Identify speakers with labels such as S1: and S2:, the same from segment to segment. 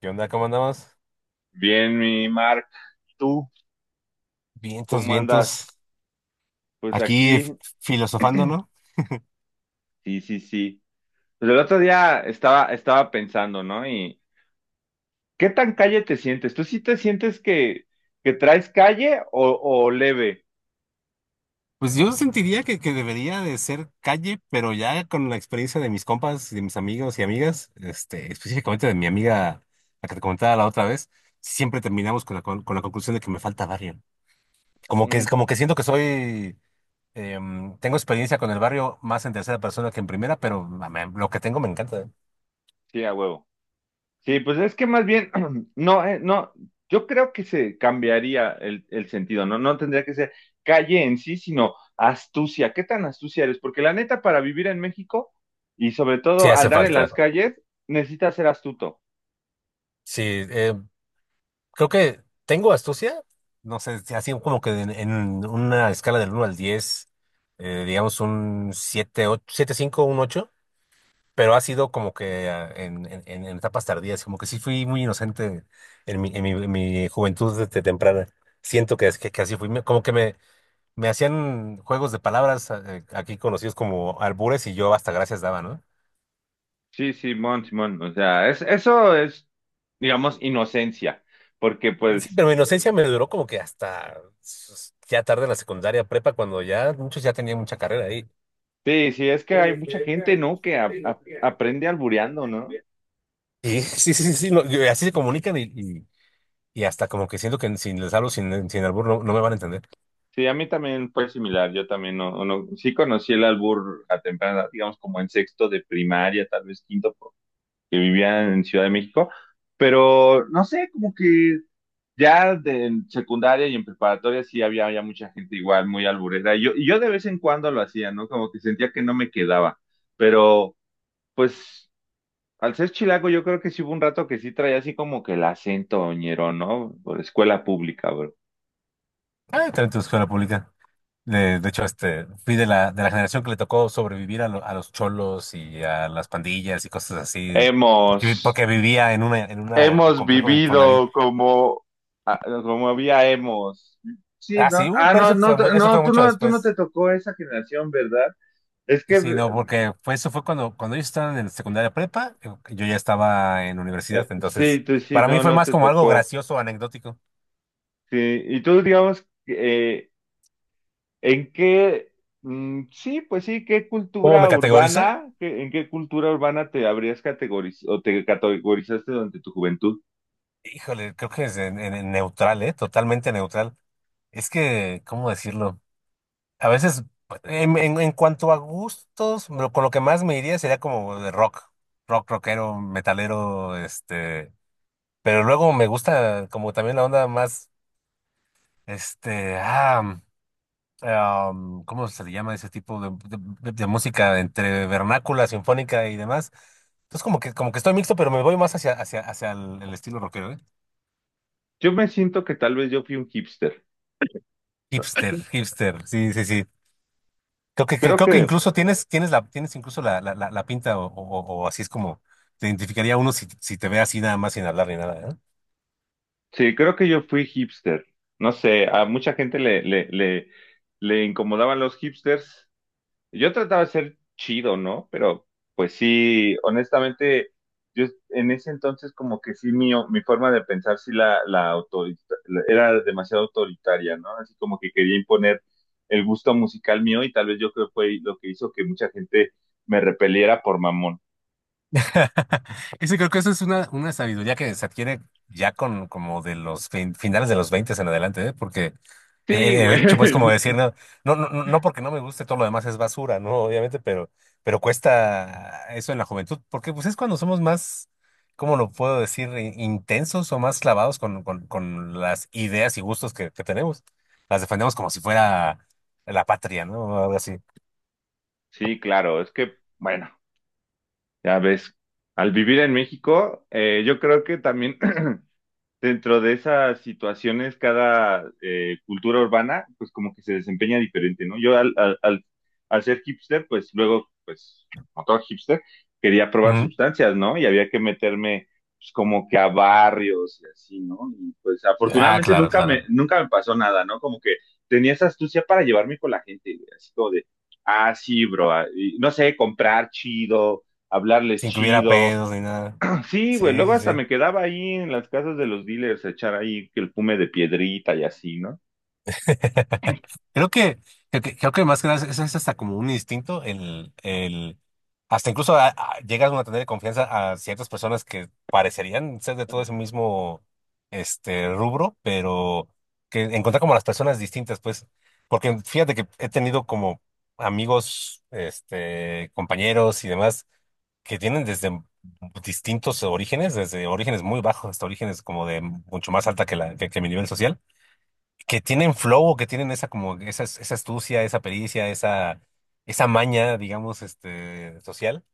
S1: ¿Qué onda? ¿Cómo andamos?
S2: Bien, mi Mark, ¿tú
S1: Vientos,
S2: cómo
S1: vientos.
S2: andas? Pues
S1: Aquí
S2: aquí,
S1: filosofando, ¿no?
S2: sí, sí, sí. Pues el otro día estaba pensando, ¿no? Y ¿qué tan calle te sientes? ¿Tú sí te sientes que traes calle o leve?
S1: Pues yo sentiría que debería de ser calle, pero ya con la experiencia de mis compas, y de mis amigos y amigas, este, específicamente de mi amiga, la que te comentaba la otra vez, siempre terminamos con la, con la conclusión de que me falta barrio. Como que,
S2: Mm,
S1: como que siento que soy, tengo experiencia con el barrio más en tercera persona que en primera, pero lo que tengo me encanta. ¿Eh?
S2: sí, a huevo. Sí, pues es que más bien, no, no, yo creo que se cambiaría el sentido, ¿no? No tendría que ser calle en sí, sino astucia. ¿Qué tan astucia eres? Porque la neta, para vivir en México y sobre
S1: Sí
S2: todo
S1: hace
S2: andar en
S1: falta.
S2: las calles, necesitas ser astuto.
S1: Sí, eh, creo que tengo astucia, no sé, si así como que en una escala del uno al 10, digamos un 7 ocho, 7 5 un 8, pero ha sido como que en etapas tardías, como que sí fui muy inocente en mi juventud desde temprana. Siento que así fui. Como que me hacían juegos de palabras aquí conocidos como albures y yo hasta gracias daba, ¿no?
S2: Sí, Simón, Simón, o sea, es, eso es, digamos, inocencia, porque
S1: Sí,
S2: pues,
S1: pero mi inocencia me duró como que hasta ya tarde en la secundaria prepa, cuando ya muchos ya tenían mucha carrera ahí.
S2: sí, sí, es que hay mucha gente, ¿no? Que aprende albureando, ¿no?
S1: Y sí, sí, sí, sí, no, y así se comunican y hasta como que siento que si les hablo sin, albur no, no me van a entender.
S2: Sí, a mí también fue similar, yo también no, no, sí conocí el albur a temprana edad, digamos, como en sexto de primaria, tal vez quinto, que vivían en Ciudad de México, pero no sé, como que ya de, en secundaria y en preparatoria sí había ya mucha gente igual, muy alburera. Y yo de vez en cuando lo hacía, ¿no? Como que sentía que no me quedaba. Pero, pues, al ser chilango, yo creo que sí hubo un rato que sí traía así como que el acento oñero, ¿no? Por escuela pública, bro.
S1: Ah, también tu escuela pública. De hecho, este, fui de la generación que le tocó sobrevivir a los cholos y a las pandillas y cosas así, porque, vi-
S2: Hemos,
S1: porque vivía en una
S2: hemos
S1: complejo de Infonavit.
S2: vivido como, ah, como había hemos. Sí,
S1: Ah,
S2: ¿no?
S1: sí,
S2: Ah,
S1: pero
S2: no,
S1: eso
S2: no,
S1: fue, mu- eso
S2: no,
S1: fue
S2: tú
S1: mucho
S2: no, tú no te
S1: después.
S2: tocó esa generación, ¿verdad? Es que
S1: Sí, no, porque eso fue cuando ellos estaban en secundaria prepa, yo ya estaba en universidad,
S2: sí,
S1: entonces
S2: tú sí,
S1: para mí
S2: no,
S1: fue
S2: no
S1: más
S2: te
S1: como algo
S2: tocó.
S1: gracioso, anecdótico.
S2: Sí, y tú digamos, ¿en qué, mm, sí, pues sí, qué
S1: ¿Cómo me
S2: cultura
S1: categorizo?
S2: urbana, qué- en qué cultura urbana te habrías categorizado o te categorizaste durante tu juventud?
S1: Híjole, creo que es en neutral, ¿eh? Totalmente neutral. Es que, ¿cómo decirlo? A veces, en cuanto a gustos, con lo que más me iría sería como de rock, rock, rockero, metalero, este, pero luego me gusta como también la onda más, este, ¿cómo se le llama ese tipo de, de música entre vernácula, sinfónica y demás? Entonces como que estoy mixto, pero me voy más hacia, hacia el estilo rockero, ¿eh?
S2: Yo me siento que tal vez yo fui un hipster.
S1: Hipster, hipster, sí, sí, sí. Creo que,
S2: Creo
S1: creo que
S2: que,
S1: incluso tienes incluso la pinta o así es como te identificaría uno si te ve así nada más sin hablar ni nada, ¿eh?
S2: sí, creo que yo fui hipster. No sé, a mucha gente le incomodaban los hipsters. Yo trataba de ser chido, ¿no? Pero pues sí, honestamente, yo en ese entonces como que sí mi forma de pensar sí la autorita- la- era demasiado autoritaria, ¿no? Así como que quería imponer el gusto musical mío y tal vez yo creo que fue lo que hizo que mucha gente me repeliera por mamón.
S1: Ese Creo que eso es una, sabiduría que se adquiere ya con como de los finales de los 20 en adelante, ¿eh? Porque el, el-
S2: Sí,
S1: el
S2: güey.
S1: hecho, pues, como decir, no, no, no, no no porque no me guste, todo lo demás es basura, ¿no? Obviamente, pero cuesta eso en la juventud, porque pues es cuando somos más, ¿cómo lo puedo decir? Intensos o más clavados con las ideas y gustos que tenemos. Las defendemos como si fuera la patria, ¿no? Algo así.
S2: Sí, claro, es que, bueno, ya ves, al vivir en México, yo creo que también dentro de esas situaciones, cada cultura urbana, pues como que se desempeña diferente, ¿no? Yo al ser hipster, pues luego, pues, como todo hipster, quería probar
S1: Ujú.
S2: sustancias, ¿no? Y había que meterme pues, como que a barrios y así, ¿no? Y pues
S1: Ah,
S2: afortunadamente
S1: claro,
S2: nunca me,
S1: claro.
S2: nunca me pasó nada, ¿no? Como que tenía esa astucia para llevarme con la gente, güey, así como de, ah, sí, bro, ah, y no sé, comprar chido, hablarles
S1: Sin que hubiera
S2: chido.
S1: pedos ni nada.
S2: Sí, güey,
S1: Sí,
S2: luego
S1: sí,
S2: hasta
S1: sí.
S2: me quedaba ahí en las casas de los dealers a echar ahí que el fume de piedrita y así, ¿no?
S1: Creo que, creo que más que nada es hasta como un instinto, hasta incluso llegas uno a tener confianza a ciertas personas que parecerían ser de todo ese mismo rubro, pero que encontrar como las personas distintas, pues, porque fíjate que he tenido como amigos, este, compañeros y demás que tienen desde distintos orígenes, desde orígenes muy bajos hasta orígenes como de mucho más alta que la, que mi nivel social, que tienen flow, que tienen esa astucia, esa pericia, esa maña, digamos, este, social,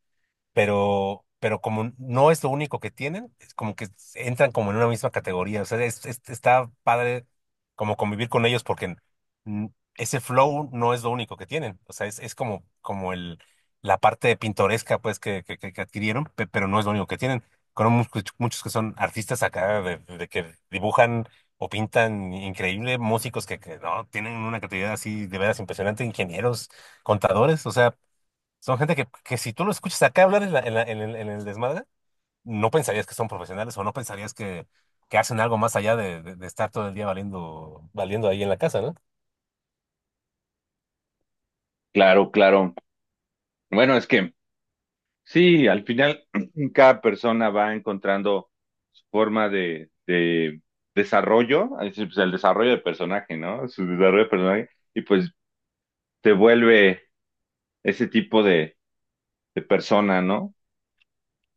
S1: pero como no es lo único que tienen, es como que entran como en una misma categoría. O sea, está padre como convivir con ellos porque mm, ese flow no es lo único que tienen. O sea, es como, como el, la parte pintoresca pues que adquirieron, pero no es lo único que tienen. Conozco muchos, muchos que son artistas acá de que dibujan o pintan increíble, músicos que no tienen una creatividad así de veras impresionante, ingenieros, contadores, o sea son gente que si tú lo escuchas acá hablar en el desmadre, no pensarías que son profesionales o no pensarías que hacen algo más allá de estar todo el día valiendo, valiendo ahí en la casa, ¿no?
S2: Claro, claro. Bueno, es que sí, al final cada persona va encontrando su forma de desarrollo, es decir, pues, el desarrollo de personaje, ¿no? Su desarrollo de personaje, y pues te vuelve ese tipo de persona, ¿no?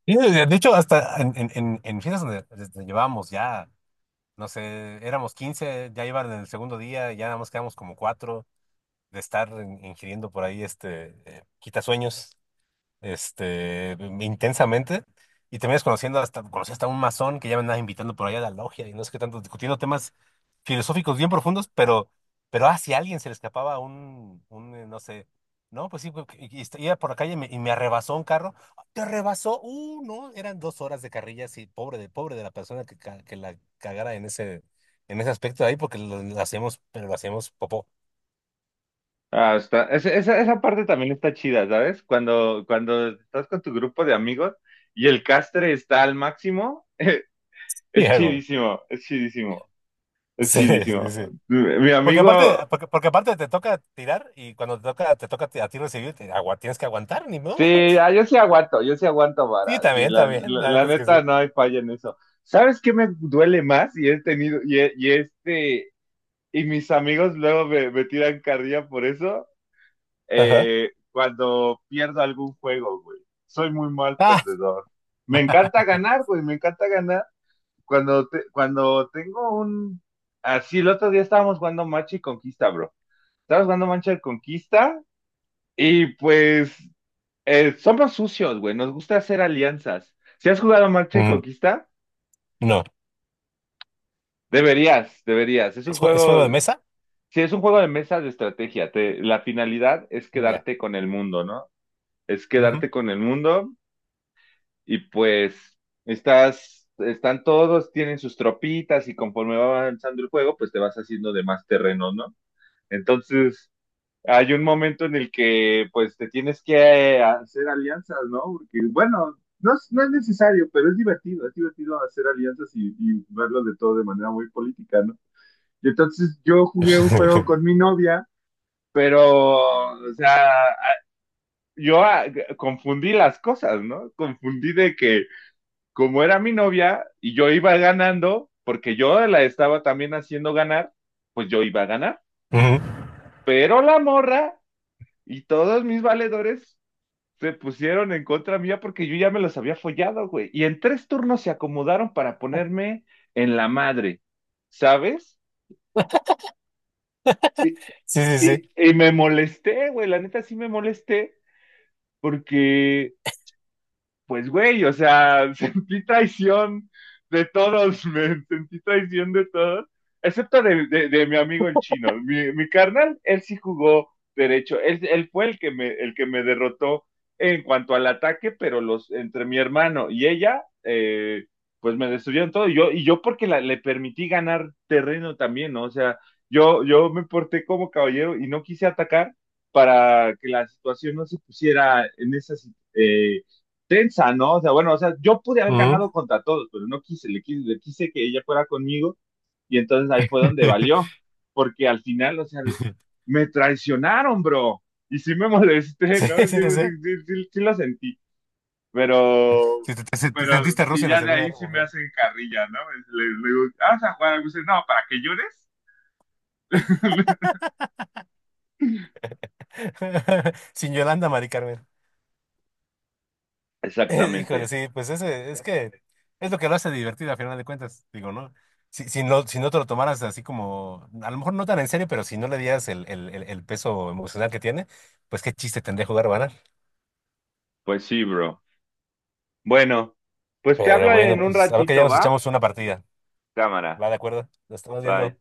S1: Y de hecho, hasta en fiestas donde llevábamos ya, no sé, éramos 15, ya iban en el segundo día, ya nada más quedamos como cuatro de estar ingiriendo por ahí este quitasueños. Este, intensamente. Y terminas conociendo hasta, conocí hasta un masón que ya me andaba invitando por allá a la logia y no sé qué tanto, discutiendo temas filosóficos bien profundos, pero, si a alguien se le escapaba un, no sé, no, pues sí, pues, iba por la calle y me arrebasó un carro. ¡Ah, te arrebasó! No, eran 2 horas de carrilla, así, pobre de la persona que la cagara en ese aspecto ahí, porque lo hacíamos, pero lo hacíamos popó.
S2: Hasta, esa, esa esa parte también está chida, ¿sabes? Cuando, cuando estás con tu grupo de amigos y el castre está al máximo.
S1: Y
S2: Es
S1: algo.
S2: chidísimo, es chidísimo, es
S1: Sí, sí,
S2: chidísimo.
S1: sí.
S2: Mi
S1: Porque aparte,
S2: amigo,
S1: porque aparte te toca tirar y cuando te toca a ti recibir, te agua, tienes que aguantar, ni modo.
S2: sí, ah, yo sí aguanto vara.
S1: Sí,
S2: Sí,
S1: también,
S2: la,
S1: también,
S2: la-
S1: la
S2: la
S1: neta es que sí.
S2: neta no hay falla en eso. ¿Sabes qué me duele más? Y he tenido, y, he- y este, y mis amigos luego me, me tiran carrilla por eso,
S1: Ajá.
S2: cuando pierdo algún juego, güey. Soy muy mal
S1: Ah,
S2: perdedor. Me encanta ganar, güey, me encanta ganar. Cuando, te- cuando tengo un... Así, el otro día estábamos jugando Machi Conquista, bro. Estaba jugando Mancha de Conquista y pues somos sucios, güey. Nos gusta hacer alianzas. Si has jugado Mancha de
S1: mm,
S2: Conquista,
S1: no.
S2: deberías, deberías. Es un
S1: ¿Es juego de
S2: juego,
S1: mesa?
S2: si es un juego de mesa de estrategia. Te- la finalidad es
S1: Mm, ya.
S2: quedarte con el mundo, ¿no? Es
S1: Ujú.
S2: quedarte con el mundo y pues estás, están todos, tienen sus tropitas y conforme va avanzando el juego, pues te vas haciendo de más terreno, ¿no? Entonces, hay un momento en el que pues te tienes que hacer alianzas, ¿no? Porque bueno, no es, no es necesario, pero es divertido hacer alianzas y verlo de todo de manera muy política, ¿no? Y entonces yo jugué un juego con mi novia, pero, o sea, yo ah, confundí las cosas, ¿no? Confundí de que como era mi novia y yo iba ganando, porque yo la estaba también haciendo ganar, pues yo iba a ganar,
S1: Ujú.
S2: pero la morra y todos mis valedores se pusieron en contra mía porque yo ya me los había follado, güey. Y en tres turnos se acomodaron para ponerme en la madre, ¿sabes? Y,
S1: Sí, sí, sí.
S2: y me molesté, güey, la neta sí me molesté porque pues güey, o sea, sentí traición de todos, me sentí traición de todos, excepto de mi amigo el chino. Mi carnal, él sí jugó derecho, él fue el que me derrotó en cuanto al ataque, pero los, entre mi hermano y ella, pues me destruyeron todo. Y yo porque la, le permití ganar terreno también, ¿no? O sea, yo me porté como caballero y no quise atacar para que la situación no se pusiera en esa, eh, tensa, ¿no? O sea, bueno, o sea, yo pude haber
S1: Ujú.
S2: ganado contra todos, pero no quise, le quise, le quise que ella fuera conmigo y entonces ahí fue donde valió, porque al final, o sea, me traicionaron, bro, y sí me molesté,
S1: Sí,
S2: ¿no? Sí,
S1: sí, sí,
S2: sí,
S1: sí.
S2: sí, sí, sí lo sentí,
S1: Sí,
S2: pero,
S1: te
S2: pero,
S1: sentiste Rusia
S2: y
S1: en la
S2: ya de
S1: Segunda
S2: ahí
S1: Guerra
S2: sí me
S1: Mundial.
S2: hacen carrilla, ¿no? Le digo, ah, ¿vas a jugar algo? Y dice, no, ¿para que llores?
S1: Sin Yolanda, Mari Carmen. Híjole,
S2: Exactamente,
S1: sí, pues ese, es que es lo que lo hace divertido a final de cuentas, digo, ¿no? Si no, si no te lo tomaras así, como a lo mejor no tan en serio, pero si no le dieras el peso emocional que tiene, pues qué chiste tendría jugar a ganar.
S2: pues sí, bro. Bueno, pues te
S1: Pero
S2: hablo
S1: bueno,
S2: en un
S1: pues a ver que ya
S2: ratito,
S1: nos
S2: ¿va?
S1: echamos una partida.
S2: Cámara,
S1: ¿Va, de acuerdo? Nos estamos viendo.
S2: bye.